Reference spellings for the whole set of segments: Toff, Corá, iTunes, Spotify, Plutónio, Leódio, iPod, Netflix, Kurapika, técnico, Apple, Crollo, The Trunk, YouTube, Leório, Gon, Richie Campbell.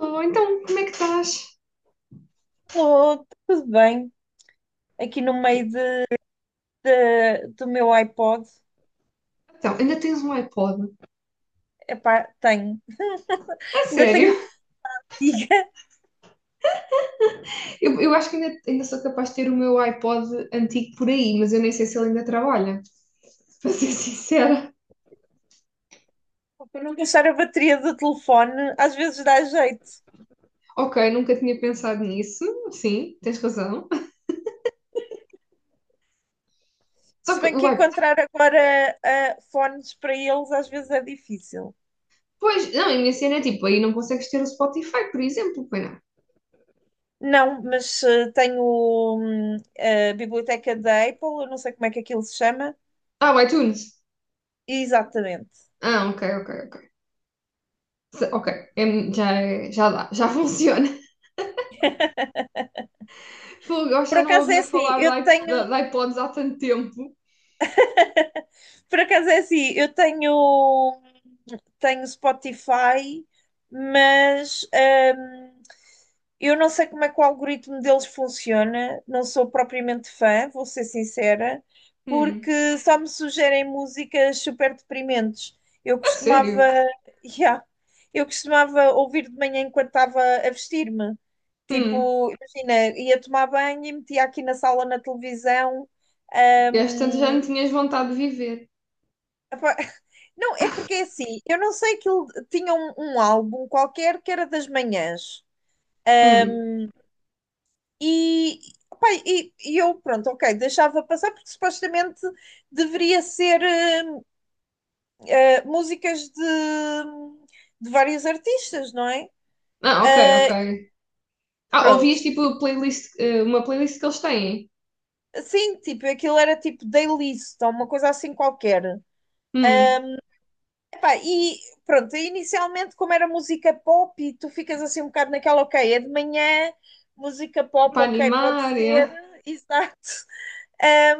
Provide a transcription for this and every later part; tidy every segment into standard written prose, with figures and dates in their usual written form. Alô, então como é que estás? Estou tudo bem. Aqui no meio do meu iPod, Então, ainda tens um iPod? epá, tenho. A Ainda sério? tenho contigo. Eu acho que ainda sou capaz de ter o meu iPod antigo por aí, mas eu nem sei se ele ainda trabalha, para ser sincera. Para não gastar a bateria do telefone, às vezes dá jeito. Ok, nunca tinha pensado nisso, sim, tens razão. Só Se que bem o que iPod, encontrar agora fones para eles, às vezes é difícil. pois, não, a minha cena é tipo, aí não consegues ter o Spotify, por exemplo, pois não. Não, mas tenho hum, a biblioteca da Apple. Eu não sei como é que aquilo se chama. Ah, o iTunes. Exatamente. Ah, ok, ok, ok. Ok, já, já dá, já funciona. Fogo, eu Por já não acaso é ouvia assim, falar eu de, tenho. de iPods há tanto tempo. Por acaso é assim, eu tenho. Tenho Spotify, mas eu não sei como é que o algoritmo deles funciona, não sou propriamente fã, vou ser sincera, Hum. porque só me sugerem músicas super deprimentes. Eu A costumava, sério? yeah, eu costumava ouvir de manhã enquanto estava a vestir-me. Hum. Tipo, imagina, ia tomar banho e metia aqui na sala na televisão. E às tantas já hum, não tinhas vontade de viver. Epá, não, é porque é assim, eu não sei que ele tinha um álbum qualquer que era das manhãs. Hum. E, pá, e eu, pronto, ok, deixava passar porque supostamente deveria ser músicas de vários artistas, não é? Ah, ok, ok. Ah, Pronto, ouvias tipo playlist, uma playlist que eles têm? assim, tipo, aquilo era tipo daily list ou uma coisa assim qualquer. Hum. Epá, e pronto, e inicialmente, como era música pop, e tu ficas assim um bocado naquela, ok, é de manhã, música pop, Para ok, pode animar, ser, é? exato.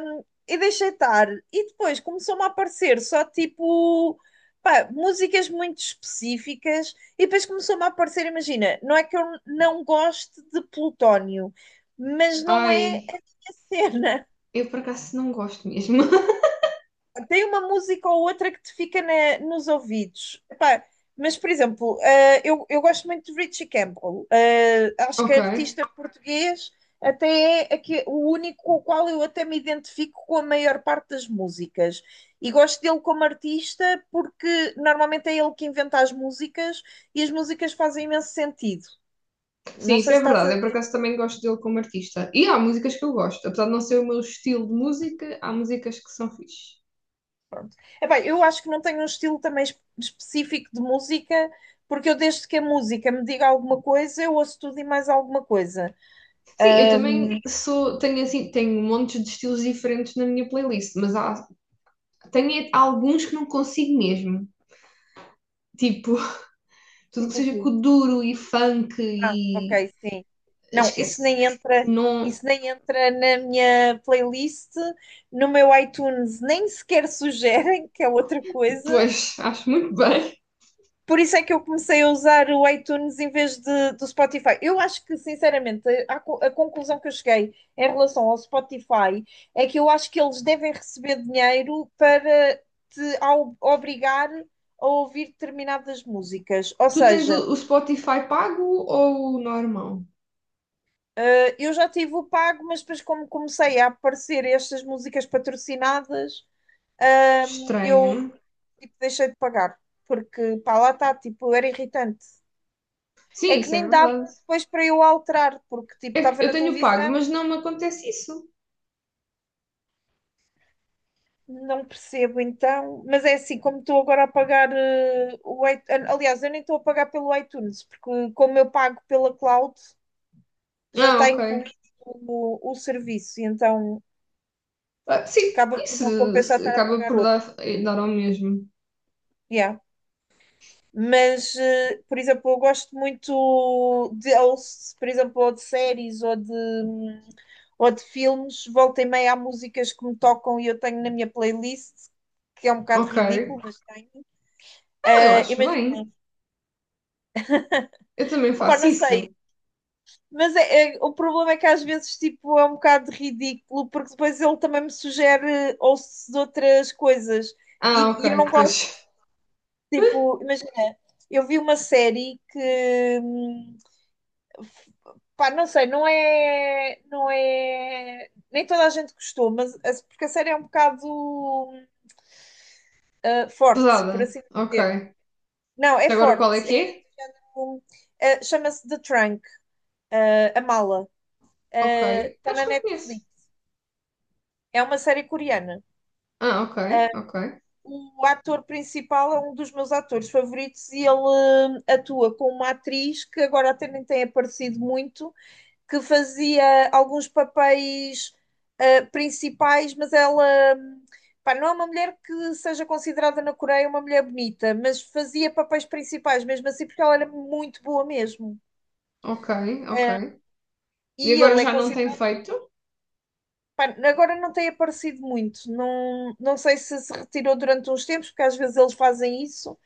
E deixei estar. E depois começou-me a aparecer só tipo. Pá, músicas muito específicas, e depois começou-me a aparecer. Imagina, não é que eu não goste de Plutónio, mas não é Ai, a minha cena. eu por acaso não gosto mesmo. Tem uma música ou outra que te fica nos ouvidos. Epá, mas, por exemplo, eu gosto muito de Richie Campbell. Acho que Ok. é artista português, até é aqui o único com o qual eu até me identifico com a maior parte das músicas. E gosto dele como artista porque normalmente é ele que inventa as músicas e as músicas fazem imenso sentido. Não Sim, isso sei é se estás a, verdade. Eu por acaso também gosto dele como artista. E há músicas que eu gosto. Apesar de não ser o meu estilo de música, há músicas que são fixe. epá, eu acho que não tenho um estilo também específico de música, porque eu desde que a música me diga alguma coisa, eu ouço tudo e mais alguma coisa. Sim, eu também sou, tenho assim, tenho montes de estilos diferentes na minha playlist, mas há, tenho alguns que não consigo mesmo. Tipo, tudo que Tipo o seja quê? kuduro e funk Ah, ok, e. sim. Não, Esquece. Não. isso nem entra na minha playlist, no meu iTunes nem sequer sugerem, que é outra coisa. Pois, acho muito bem. Por isso é que eu comecei a usar o iTunes em vez do Spotify. Eu acho que, sinceramente, a conclusão que eu cheguei em relação ao Spotify é que eu acho que eles devem receber dinheiro para te obrigar a ouvir determinadas músicas. Ou Tu tens seja, o Spotify pago ou o normal? Eu já tive o pago, mas depois, como comecei a aparecer estas músicas patrocinadas, eu Estranho. tipo, deixei de pagar. Porque, pá, lá está, tipo, era irritante. É Sim, que isso é nem dava verdade. depois para eu alterar, porque tipo, É que estava eu na tenho pago, televisão, mas não me acontece isso. não percebo então, mas é assim, como estou agora a pagar o iTunes, aliás, eu nem estou a pagar pelo iTunes, porque como eu pago pela cloud, já Ah, está ok. incluído o serviço, e então Ah, sim, acaba por isso não compensar estar a acaba pagar por dar, outro. eh, dar ao mesmo. Yeah. Mas, por exemplo, eu gosto muito de, ou, por exemplo, ou de séries ou de filmes, volta e meia há músicas que me tocam e eu tenho na minha playlist, que é um bocado Ok. ridículo, mas tenho. Ah, eu acho Imagina, bem. Eu também opa, faço não sei, isso. mas o problema é que às vezes tipo, é um bocado ridículo, porque depois ele também me sugere ou de outras coisas Ah, e eu não ok. Pois, gosto, tipo, imagina, eu vi uma série que. Pá, não sei, não é, nem toda a gente gostou, mas porque a série é um bocado forte, pesada. por assim Ok. dizer. Não, é Agora qual é forte. que É é? um- chama-se The Trunk, a mala. Ok. Está Acho na que não conheço. Netflix. É uma série coreana. Ah, ok, ok, O ator principal é um dos meus atores favoritos e ele atua com uma atriz que agora até nem tem aparecido muito, que fazia alguns papéis principais, mas ela, pá, não é uma mulher que seja considerada na Coreia uma mulher bonita, mas fazia papéis principais mesmo assim, porque ela era muito boa mesmo. ok, ok. Uh, E e agora ele é já não tem considerado. feito? Pá, agora não tem aparecido muito, não, não sei se se retirou durante uns tempos, porque às vezes eles fazem isso.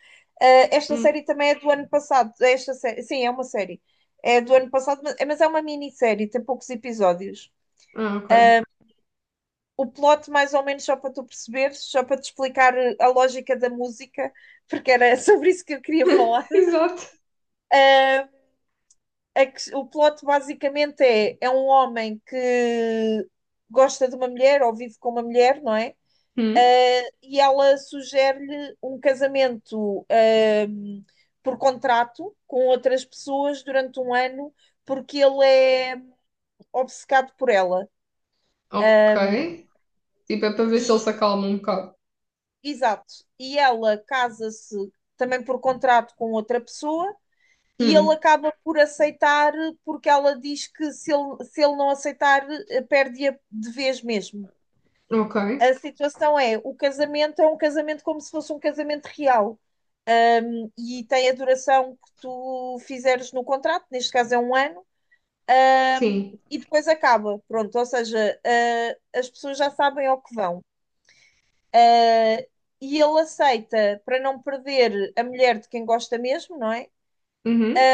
Esta Hum. série também é do ano passado. Esta série, sim, é uma série. É do ano passado, mas é uma minissérie, tem poucos episódios. Ah, ok. O plot, mais ou menos, só para tu perceberes, só para te explicar a lógica da música, porque era sobre isso que eu queria falar. Exato. É que o plot basicamente é um homem que gosta de uma mulher ou vive com uma mulher, não é? Hum, E ela sugere-lhe um casamento, um, por contrato com outras pessoas durante um ano, porque ele é obcecado por ela. ok. Tipo, é para ver se ele E se acalma um bocado. Exato. E ela casa-se também por contrato com outra pessoa e ele Hum, acaba por aceitar porque ela diz que se ele não aceitar, perde-a de vez mesmo. ok. A situação é, o casamento é um casamento como se fosse um casamento real e tem a duração que tu fizeres no contrato, neste caso é um ano, Sim. e depois acaba, pronto, ou seja, as pessoas já sabem ao que vão. Uh, e ele aceita para não perder a mulher de quem gosta mesmo, não é? Uhum,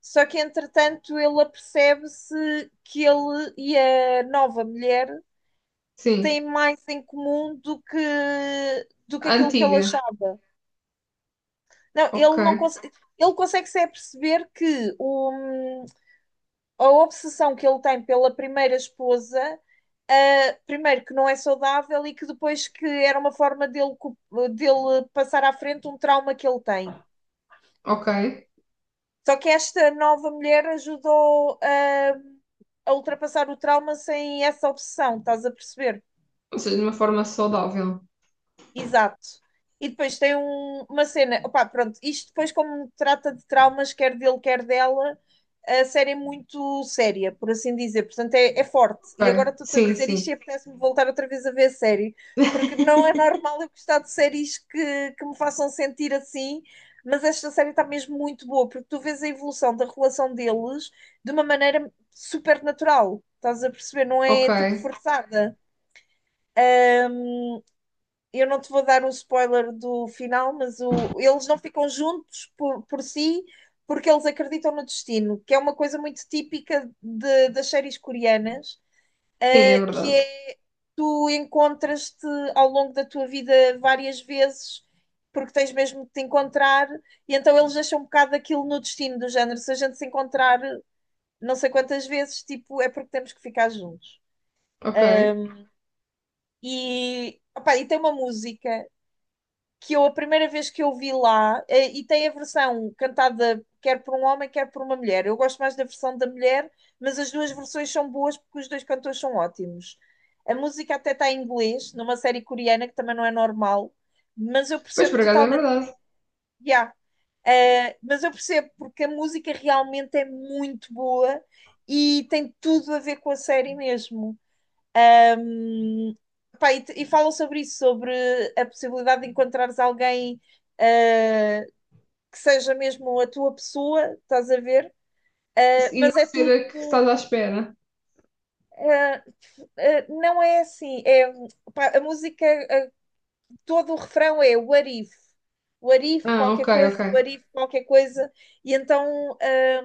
Só que entretanto ele apercebe-se que ele e a nova mulher sim. têm mais em comum do que aquilo que ele Antiga. achava. Não, Ok, ele não consegue, ele consegue se aperceber que a obsessão que ele tem pela primeira esposa, primeiro que não é saudável e que depois que era uma forma dele passar à frente um trauma que ele tem. ok. Só que esta nova mulher ajudou a ultrapassar o trauma sem essa obsessão, estás a perceber? Ou seja, de uma forma saudável. Exato. E depois tem uma cena. Opá, pronto, isto depois, como trata de traumas, quer dele, quer dela, a série é muito séria, por assim dizer. Portanto, é forte. E agora Ok. estou-te a Sim, dizer isto e sim. apetece-me voltar outra vez a ver a série, porque não é normal eu gostar de séries que me façam sentir assim, mas esta série está mesmo muito boa, porque tu vês a evolução da relação deles de uma maneira super natural. Estás a perceber? Não Ok. é tipo forçada. Eu não te vou dar o spoiler do final, mas eles não ficam juntos por si, porque eles acreditam no destino, que é uma coisa muito típica das séries coreanas, Sim, é que verdade. é, tu encontras-te ao longo da tua vida várias vezes porque tens mesmo de te encontrar, e então eles deixam um bocado aquilo no destino do género. Se a gente se encontrar não sei quantas vezes, tipo, é porque temos que ficar juntos. Ok. Eh, Opá, e tem uma música que eu, a primeira vez que eu vi lá, e tem a versão cantada quer por um homem, quer por uma mulher. Eu gosto mais da versão da mulher, mas as duas versões são boas porque os dois cantores são ótimos. A música até está em inglês, numa série coreana que também não é normal, mas eu Pois, percebo por acaso é totalmente. verdade. Yeah. Mas eu percebo porque a música realmente é muito boa e tem tudo a ver com a série mesmo. Um, Pá, e, e falam sobre isso, sobre a possibilidade de encontrares alguém ah, que seja mesmo a tua pessoa, estás a ver? Ah, E mas não é ser tudo. a que estás à espera. ah, não é assim. É, pá, a música, ah, todo o refrão é what if. What if, Ah, qualquer ok, coisa, ok. what if, qualquer coisa. E então. ah,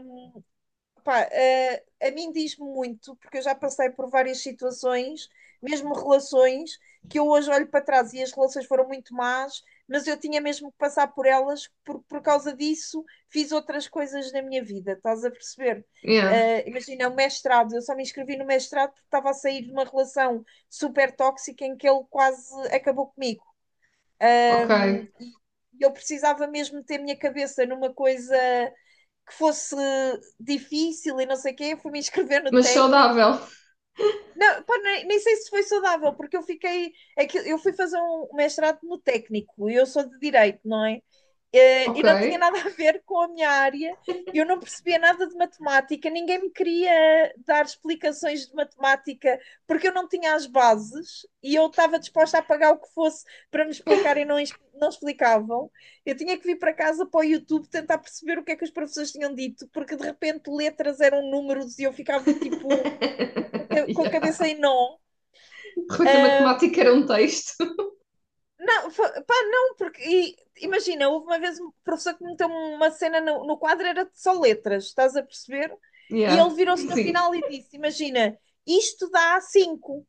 Pá, a mim diz-me muito, porque eu já passei por várias situações, mesmo relações, que eu hoje olho para trás e as relações foram muito más, mas eu tinha mesmo que passar por elas, por causa disso fiz outras coisas na minha vida, estás a perceber? Yeah, Imagina, o mestrado, eu só me inscrevi no mestrado porque estava a sair de uma relação super tóxica em que ele quase acabou comigo. ok. E eu precisava mesmo ter minha cabeça numa coisa que fosse difícil e não sei o quê, fui me inscrever no Mas técnico. saudável. Não, pá, nem sei se foi saudável, porque eu fiquei. É que eu fui fazer um mestrado no técnico e eu sou de direito, não é? E Ok. não tinha nada a ver com a minha área, eu não percebia nada de matemática, ninguém me queria dar explicações de matemática porque eu não tinha as bases e eu estava disposta a pagar o que fosse para me explicarem, não, não explicavam. Eu tinha que vir para casa para o YouTube tentar perceber o que é que os professores tinham dito, porque de repente letras eram números e eu ficava tipo com a cabeça Yeah. em nó. Ruta Matemática era um texto. Não, pá, não, porque imagina, houve uma vez um professor que meteu uma cena no quadro, era só letras, estás a perceber? E Yeah, ele virou-se no sim. final e disse: "Imagina, isto dá cinco."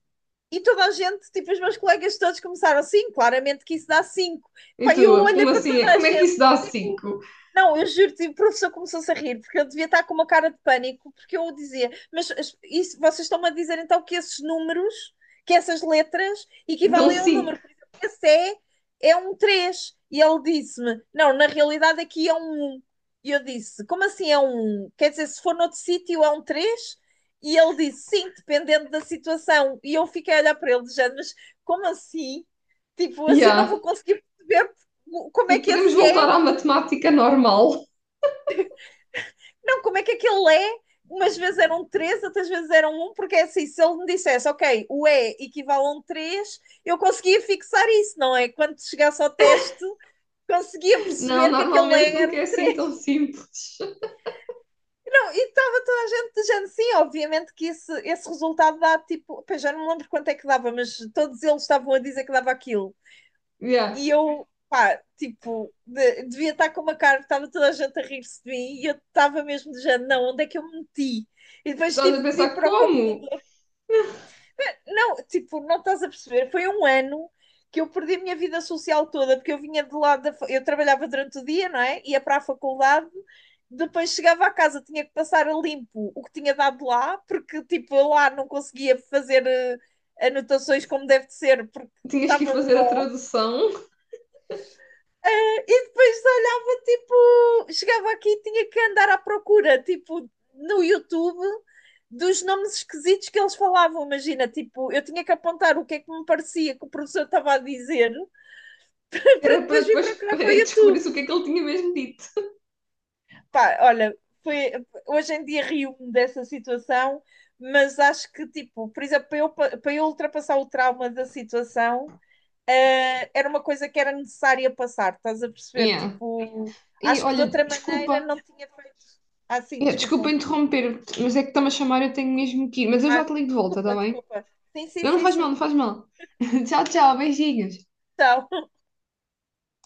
E toda a gente, tipo, os meus colegas todos começaram assim, claramente que isso dá cinco. E Pá, e eu tu, olhei como para toda assim? a Como é que gente, isso dá tipo, 5? não, eu juro-te, o professor começou-se a rir, porque ele devia estar com uma cara de pânico, porque eu o dizia, mas isso, vocês estão-me a dizer então que esses números, que essas letras Dão equivalem a um cinco. número, por exemplo, é um 3? E ele disse-me, não, na realidade aqui é um 1, e eu disse, como assim é um 1? Quer dizer, se for noutro sítio é um 3? E ele disse, sim, dependendo da situação, e eu fiquei a olhar para ele, dizendo, mas como assim? Tipo, assim não Yeah. vou conseguir perceber como E é que podemos esse voltar é. à matemática normal. Não, como é que aquele é? Umas vezes eram três, outras vezes eram um, porque é assim, se ele me dissesse, ok, o E equivale a um três, eu conseguia fixar isso, não é? Quando chegasse ao teste, conseguia Não, perceber que aquele E normalmente era nunca é um assim tão três. simples. Não, e estava toda a gente dizendo sim, obviamente que esse resultado dá tipo, pá, já não me lembro quanto é que dava, mas todos eles estavam a dizer que dava aquilo. Yeah. E eu, pá, tipo, devia estar com uma cara, estava toda a gente a rir-se de mim e eu estava mesmo de género, não, onde é que eu me meti? E depois Estavas a tive de vir pensar para o computador. como? Não, tipo, não estás a perceber, foi um ano que eu perdi a minha vida social toda, porque eu vinha de lado Eu trabalhava durante o dia, não é? Ia para a faculdade, depois chegava à casa, tinha que passar a limpo o que tinha dado lá, porque, tipo, eu lá não conseguia fazer anotações como deve de ser, porque Tinhas que ir estava um fazer a nó. tradução, E depois olhava, tipo, chegava aqui e tinha que andar à procura, tipo, no YouTube, dos nomes esquisitos que eles falavam. Imagina, tipo, eu tinha que apontar o que é que me parecia que o professor estava a dizer para era para depois vir depois procurar para o descobrir o que YouTube. é que ele tinha mesmo dito. Pá, olha, foi, hoje em dia rio-me dessa situação, mas acho que, tipo, por exemplo, para eu ultrapassar o trauma da situação, era uma coisa que era necessária passar, estás a perceber? Yeah. Tipo, E acho que de olha, outra maneira desculpa, não tinha feito. Ah, sim, yeah, desculpa desculpa. interromper, mas é que está-me a chamar, eu tenho mesmo que ir. Mas eu já Ah, te ligo de volta, está desculpa, bem? desculpa. Sim, sim, Não, não sim, faz mal, sim. não faz mal. Tchau, tchau, beijinhos. Então,